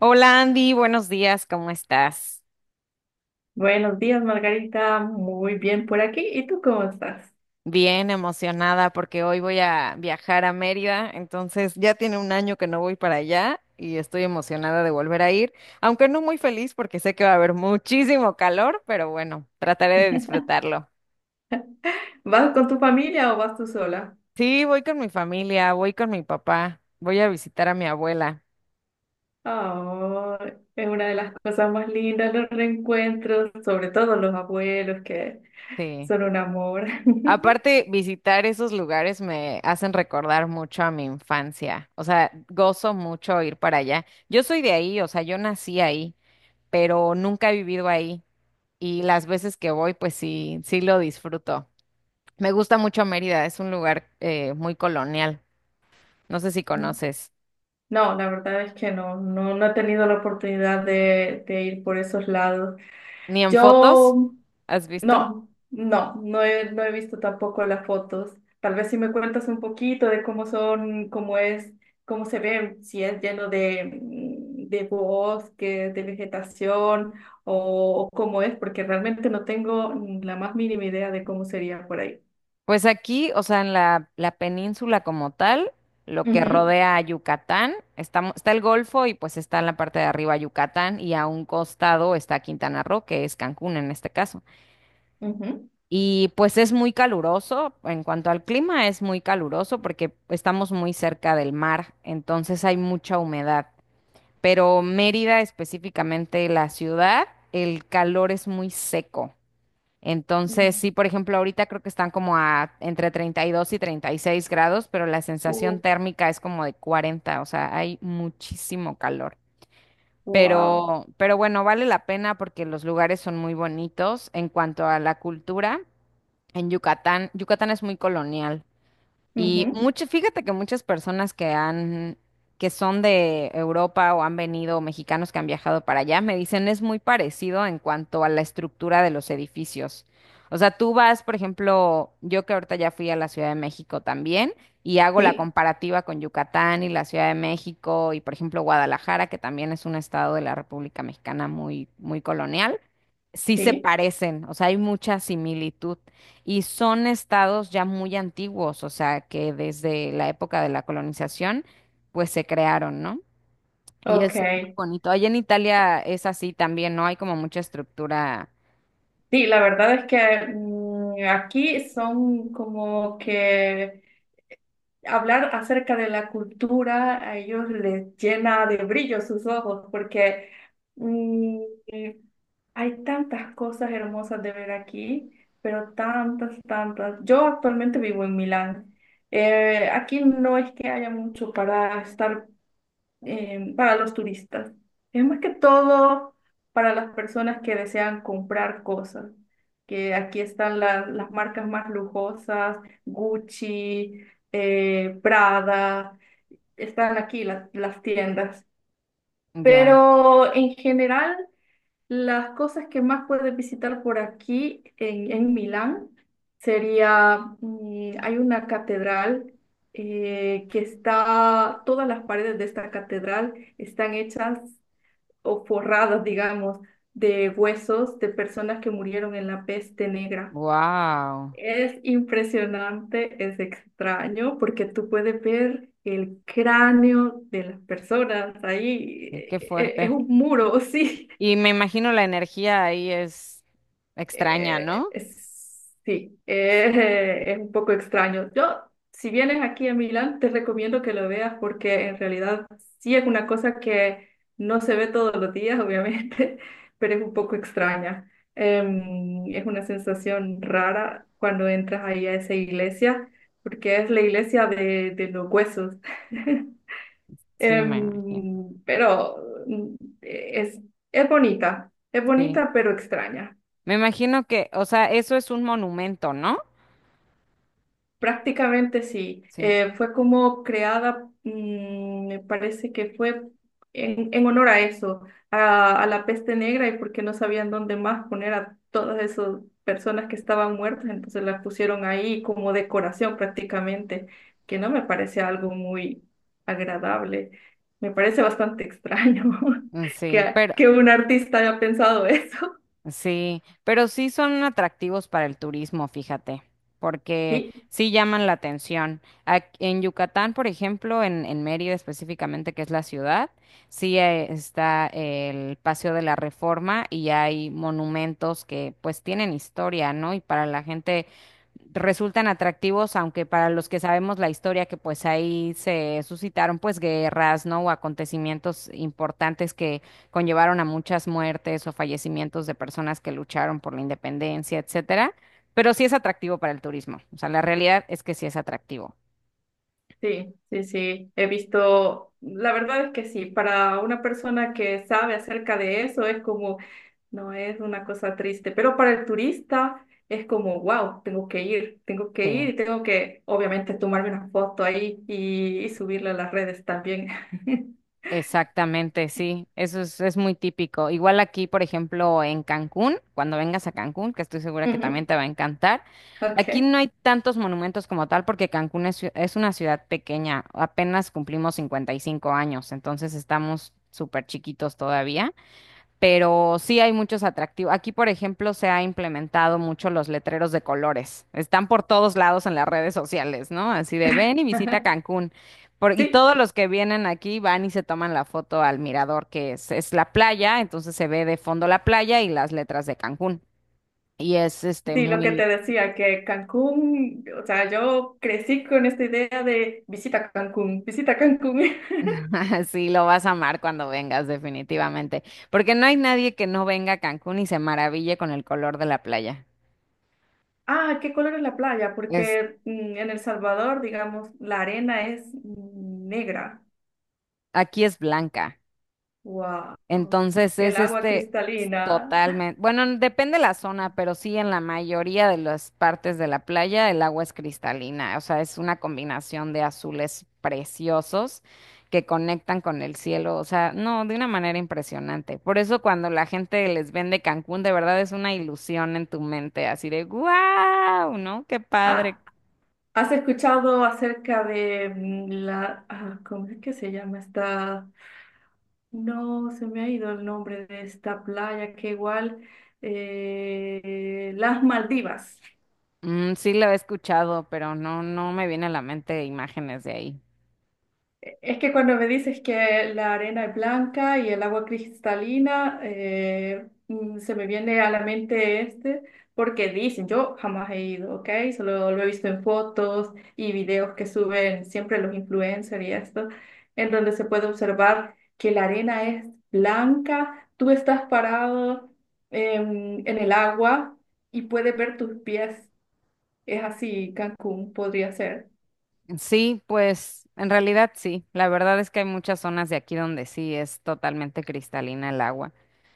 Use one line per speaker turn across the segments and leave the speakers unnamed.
Hola Andy, buenos días, ¿cómo estás?
Buenos días, Margarita. Muy bien por aquí. ¿Y tú cómo estás?
Bien emocionada porque hoy voy a viajar a Mérida, entonces ya tiene un año que no voy para allá y estoy emocionada de volver a ir, aunque no muy feliz porque sé que va a haber muchísimo calor, pero bueno, trataré de disfrutarlo.
¿Vas con tu familia o vas tú sola?
Sí, voy con mi familia, voy con mi papá, voy a visitar a mi abuela.
Oh, es una de las cosas más lindas, los reencuentros, sobre todo los abuelos que
Sí.
son un amor.
Aparte, visitar esos lugares me hacen recordar mucho a mi infancia. O sea, gozo mucho ir para allá. Yo soy de ahí, o sea, yo nací ahí, pero nunca he vivido ahí. Y las veces que voy, pues sí, sí lo disfruto. Me gusta mucho Mérida, es un lugar muy colonial. No sé si conoces.
No, la verdad es que no, no he tenido la oportunidad de ir por esos lados.
Ni en fotos,
Yo
¿has visto?
no, no no he visto tampoco las fotos. Tal vez si me cuentas un poquito de cómo son, cómo es, cómo se ve, si es lleno de bosques, de vegetación o cómo es, porque realmente no tengo la más mínima idea de cómo sería por ahí.
Pues aquí, o sea, en la península como tal, lo que
Ujú,
rodea a Yucatán, está, está el Golfo y pues está en la parte de arriba Yucatán y a un costado está Quintana Roo, que es Cancún en este caso.
ujú.
Y pues es muy caluroso, en cuanto al clima es muy caluroso porque estamos muy cerca del mar, entonces hay mucha humedad. Pero Mérida, específicamente la ciudad, el calor es muy seco. Entonces, sí,
Mm.
por ejemplo, ahorita creo que están como a entre 32 y 36 grados, pero la
Uh,
sensación térmica es como de 40, o sea, hay muchísimo calor.
wow.
Pero bueno, vale la pena porque los lugares son muy bonitos. En cuanto a la cultura, en Yucatán, Yucatán es muy colonial. Y
Ujú.
mucho, fíjate que muchas personas que son de Europa o han venido, mexicanos que han viajado para allá, me dicen es muy parecido en cuanto a la estructura de los edificios. O sea, tú vas, por ejemplo, yo que ahorita ya fui a la Ciudad de México también y hago la
Sí,
comparativa con Yucatán y la Ciudad de México y, por ejemplo, Guadalajara, que también es un estado de la República Mexicana muy, muy colonial sí se
sí.
parecen, o sea, hay mucha similitud y son estados ya muy antiguos, o sea, que desde la época de la colonización, pues se crearon, ¿no? Y
Ok.
es muy bonito. Allá en Italia es así también, ¿no? Hay como mucha estructura
Sí, la verdad es que aquí son como que hablar acerca de la cultura a ellos les llena de brillo sus ojos porque mm, hay tantas cosas hermosas de ver aquí, pero tantas, tantas. Yo actualmente vivo en Milán. Aquí no es que haya mucho para estar para los turistas. Es más que todo para las personas que desean comprar cosas, que aquí están las marcas más lujosas, Gucci, Prada, están aquí las tiendas.
ya.
Pero en general las cosas que más puedes visitar por aquí en Milán sería, mm, hay una catedral que está, todas las paredes de esta catedral están hechas o forradas, digamos, de huesos de personas que murieron en la peste negra.
Wow,
Es impresionante, es extraño, porque tú puedes ver el cráneo de las personas ahí.
qué
Es
fuerte.
un muro, sí.
Y me imagino la energía ahí es extraña, ¿no?
Es- sí, es un poco extraño. Yo, si vienes aquí a Milán, te recomiendo que lo veas porque en realidad sí es una cosa que no se ve todos los días, obviamente, pero es un poco extraña. Es una sensación rara cuando entras ahí a esa iglesia, porque es la iglesia de los huesos.
Sí, me imagino.
Pero mm, es, es
Sí.
bonita pero extraña.
Me imagino que, o sea, eso es un monumento, ¿no?
Prácticamente sí.
Sí,
Fue como creada, mm, me parece que fue en honor a eso, a la peste negra y porque no sabían dónde más poner a todas esas personas que estaban muertas, entonces las pusieron ahí como decoración prácticamente, que no me parece algo muy agradable. Me parece bastante extraño
sí, pero
que un artista haya pensado eso.
sí, pero sí son atractivos para el turismo, fíjate, porque
Sí,
sí llaman la atención. Ac- en Yucatán, por ejemplo, en Mérida específicamente, que es la ciudad, sí está el Paseo de la Reforma y hay monumentos que pues tienen historia, ¿no? Y para la gente resultan atractivos, aunque para los que sabemos la historia, que pues ahí se suscitaron pues guerras, ¿no? O acontecimientos importantes conllevaron a muchas muertes o fallecimientos de personas que lucharon por la independencia, etcétera, pero sí es atractivo para el turismo. O sea, la realidad es que sí es atractivo.
sí, he visto, la verdad es que sí, para una persona que sabe acerca de eso es como, no es una cosa triste, pero para el turista es como, wow, tengo que ir
Sí.
y tengo que, obviamente, tomarme una foto ahí y subirla a las redes también.
Exactamente, sí, eso es muy típico. Igual aquí, por ejemplo, en Cancún, cuando vengas a Cancún, que estoy segura que también
Ujú,
te va a encantar, aquí
ok.
no hay tantos monumentos como tal porque Cancún es, ciu- es una ciudad pequeña, apenas cumplimos 55 años, entonces estamos súper chiquitos todavía. Pero sí hay muchos atractivos. Aquí, por ejemplo, se ha implementado mucho los letreros de colores. Están por todos lados en las redes sociales, ¿no? Así de ven y visita Cancún. Por- y
Sí,
todos los que vienen aquí van y se toman la foto al mirador, que es la playa, entonces se ve de fondo la playa y las letras de Cancún. Y es este
sí, lo que te
muy,
decía, que Cancún, o sea, yo crecí con esta idea de visita Cancún, visita Cancún.
sí, lo vas a amar cuando vengas, definitivamente. Porque no hay nadie que no venga a Cancún y se maraville con el color de la playa.
Ah, ¿qué color es la playa?
Es,
Porque en El Salvador, digamos, la arena es negra.
aquí es blanca.
Wow.
Entonces
El
es
agua
este
cristalina.
totalmente, bueno, n- depende la zona, pero sí en la mayoría de las partes de la playa el agua es cristalina, o sea, es una combinación de azules preciosos que conectan con el cielo, o sea, no, de una manera impresionante. Por eso cuando la gente les vende Cancún, de verdad es una ilusión en tu mente, así de wow, ¿no? Qué padre.
Ah, ¿has escuchado acerca de la... ah, ¿cómo es que se llama esta? No, se me ha ido el nombre de esta playa, que igual... las Maldivas.
Mm, sí lo he escuchado, pero no, no me viene a la mente imágenes de ahí.
Es que cuando me dices que la arena es blanca y el agua cristalina, se me viene a la mente este, porque dicen, yo jamás he ido, ¿ok? Solo lo he visto en fotos y videos que suben siempre los influencers y esto, en donde se puede observar que la arena es blanca, tú estás parado en el agua y puedes ver tus pies. Es así, Cancún podría ser,
Sí, pues en realidad sí. La verdad es que hay muchas zonas de aquí donde sí es totalmente cristalina el agua.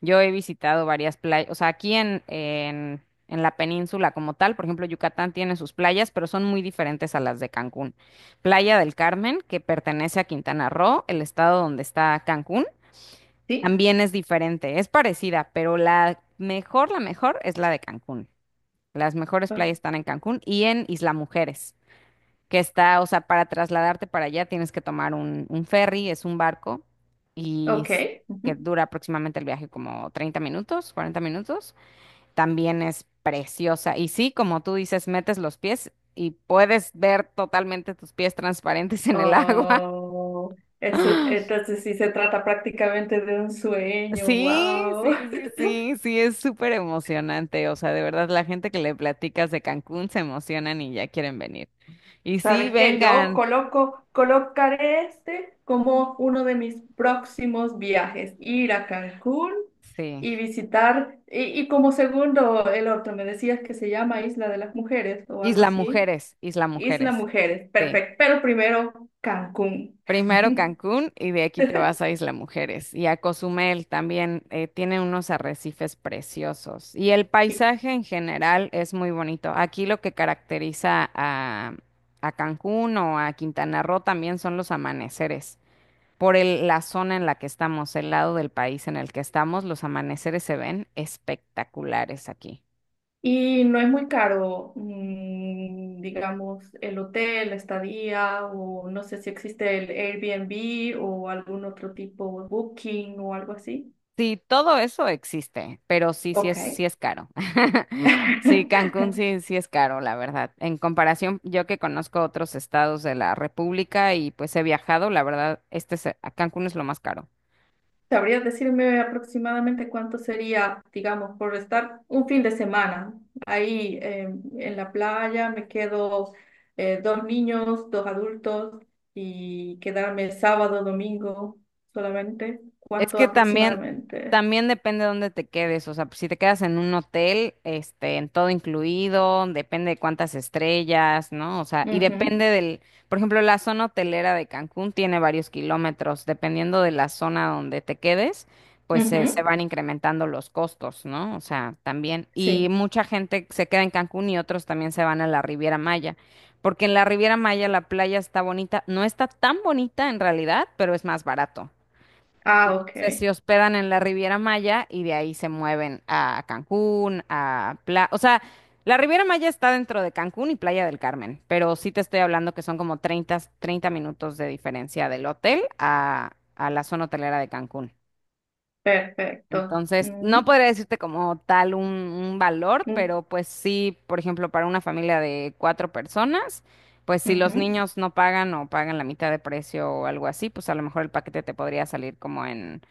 Yo he visitado varias playas, o sea, aquí en la península como tal, por ejemplo, Yucatán tiene sus playas, pero son muy diferentes a las de Cancún. Playa del Carmen, que pertenece a Quintana Roo, el estado donde está Cancún,
¿sí?
también es diferente, es parecida, pero la mejor es la de Cancún. Las mejores
Ah,
playas están en Cancún y en Isla Mujeres que está, o sea, para trasladarte para allá tienes que tomar un ferry, es un barco, y
ok.
s- que dura aproximadamente el viaje como 30 minutos, 40 minutos. También es preciosa. Y sí, como tú dices, metes los pies y puedes ver totalmente tus pies transparentes en el agua.
Oh, eso- entonces sí se trata prácticamente de un sueño,
Sí, sí,
wow.
sí, sí, sí, es súper emocionante. O sea, de verdad, la gente que le platicas de Cancún se emocionan y ya quieren venir. Y sí,
¿Sabes qué? Yo
vengan.
coloco, colocaré este como uno de mis próximos viajes, ir a Cancún
Sí.
y visitar, y como segundo, el otro, me decías que se llama Isla de las Mujeres o algo
Isla
así.
Mujeres, Isla
Isla
Mujeres.
Mujeres,
Sí.
perfecto, pero primero Cancún.
Primero Cancún y de aquí te vas a Isla Mujeres. Y a Cozumel también tiene unos arrecifes preciosos. Y el
Y
paisaje en general es muy bonito. Aquí lo que caracteriza a Cancún o a Quintana Roo también son los amaneceres. Por el- la zona en la que estamos, el lado del país en el que estamos, los amaneceres se ven espectaculares aquí.
y no es muy caro, mm, digamos, el hotel, la estadía, o no sé si existe el Airbnb o algún otro tipo, Booking o algo así.
Sí, todo eso existe, pero sí,
Ok.
sí es caro. Sí, Cancún sí, sí es caro, la verdad. En comparación, yo que conozco otros estados de la República y pues he viajado, la verdad, este es, a Cancún es lo más caro.
¿Sabrías decirme aproximadamente cuánto sería, digamos, por estar un fin de semana ahí en la playa? Me quedo dos niños, dos adultos y quedarme sábado, domingo solamente.
Es
¿Cuánto
que también,
aproximadamente?
también depende de dónde te quedes. O sea, pues, si te quedas en un hotel, este, en todo incluido, depende de cuántas estrellas, ¿no? O sea, y
Ujú,
depende del, por ejemplo, la zona hotelera de Cancún tiene varios kilómetros. Dependiendo de la zona donde te quedes, pues se
ujú,
van incrementando los costos, ¿no? O sea, también. Y
sí.
mucha gente se queda en Cancún y otros también se van a la Riviera Maya. Porque en la Riviera Maya la playa está bonita, no está tan bonita en realidad, pero es más barato.
Ah,
Entonces
ok.
se hospedan en la Riviera Maya y de ahí se mueven a Cancún, a Playa. O sea, la Riviera Maya está dentro de Cancún y Playa del Carmen, pero sí te estoy hablando que son como 30 minutos de diferencia del hotel a la zona hotelera de Cancún.
Perfecto.
Entonces, no
Ujú,
podría decirte como tal un valor,
ujú,
pero pues sí, por ejemplo, para una familia de cuatro personas, pues si los
ujú,
niños no pagan o pagan la mitad de precio o algo así, pues a lo mejor el paquete te podría salir como en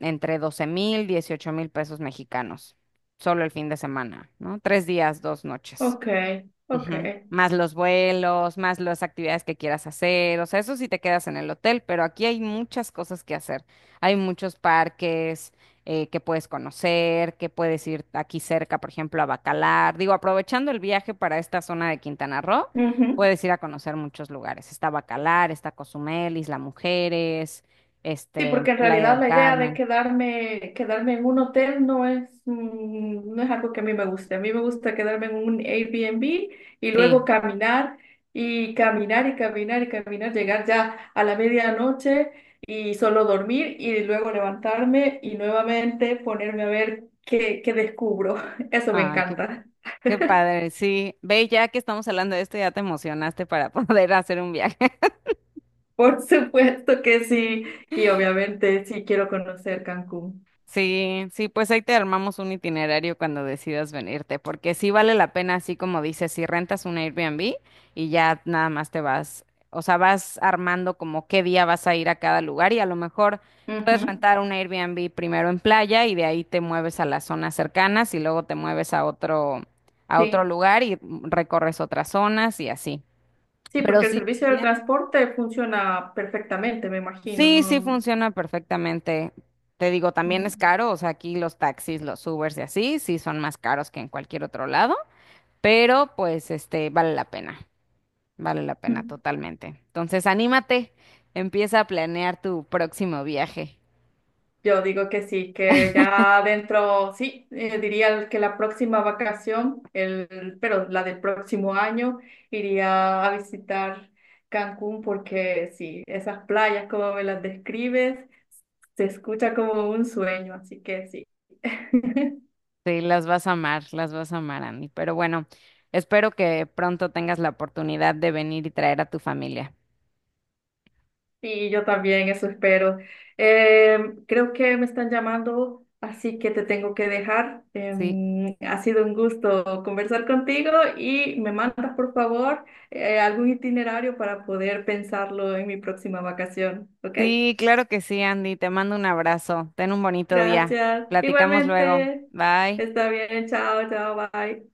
entre 12.000, 18.000 pesos mexicanos, solo el fin de semana, ¿no? Tres días, dos noches.
ok, ok.
Ujú. Más los vuelos, más las actividades que quieras hacer, o sea, eso sí te quedas en el hotel, pero aquí hay muchas cosas que hacer. Hay muchos parques que puedes conocer, que puedes ir aquí cerca, por ejemplo, a Bacalar. Digo, aprovechando el viaje para esta zona de Quintana Roo,
Ujú.
puedes ir a conocer muchos lugares. Está Bacalar, está Cozumel, Isla Mujeres,
Sí,
este,
porque en
Playa
realidad
del
la idea de
Carmen.
quedarme, quedarme en un hotel no es, mm, no es algo que a mí me guste. A mí me gusta quedarme en un Airbnb y luego
Sí,
caminar y caminar, llegar ya a la medianoche y solo dormir y luego levantarme y nuevamente ponerme a ver qué, qué descubro. Eso me
ay, qué,
encanta.
qué padre, sí. Ve, ya que estamos hablando de esto, ya te emocionaste para poder hacer un viaje.
Por supuesto que sí. Y obviamente sí quiero conocer Cancún.
Sí, sí, pues ahí te armamos un itinerario cuando decidas venirte, porque sí vale la pena, así como dices, si rentas un Airbnb y ya nada más te vas, o sea, vas armando como qué día vas a ir a cada lugar y a lo mejor puedes
Ujú,
rentar un Airbnb primero en playa y de ahí te mueves a las zonas cercanas y luego te mueves a otro
sí.
lugar y recorres otras zonas y así.
Sí,
Pero
porque el
sí,
servicio del transporte funciona perfectamente, me imagino,
sí, sí
¿no?
funciona perfectamente. Te digo, también es caro, o sea, aquí los taxis, los Ubers y así, sí son más caros que en cualquier otro lado, pero pues este vale la pena
Mm.
totalmente. Entonces, anímate, empieza a planear tu próximo viaje.
Yo digo que sí, que ya dentro, sí, diría que la próxima vacación, el, pero la del próximo año, iría a visitar Cancún porque sí, esas playas como me las describes, se escucha como un sueño, así que sí.
Sí, las vas a amar, las vas a amar, Andy. Pero bueno, espero que pronto tengas la oportunidad de venir y traer a tu familia.
Sí, yo también, eso espero. Creo que me están llamando, así que te tengo que dejar.
Sí,
Ha sido un gusto conversar contigo y me mandas, por favor, algún itinerario para poder pensarlo en mi próxima vacación, ¿ok?
sí, claro que sí, Andy. Te mando un abrazo. Ten un bonito día.
Gracias.
Platicamos luego.
Igualmente,
Bye.
está bien, chao, chao, bye.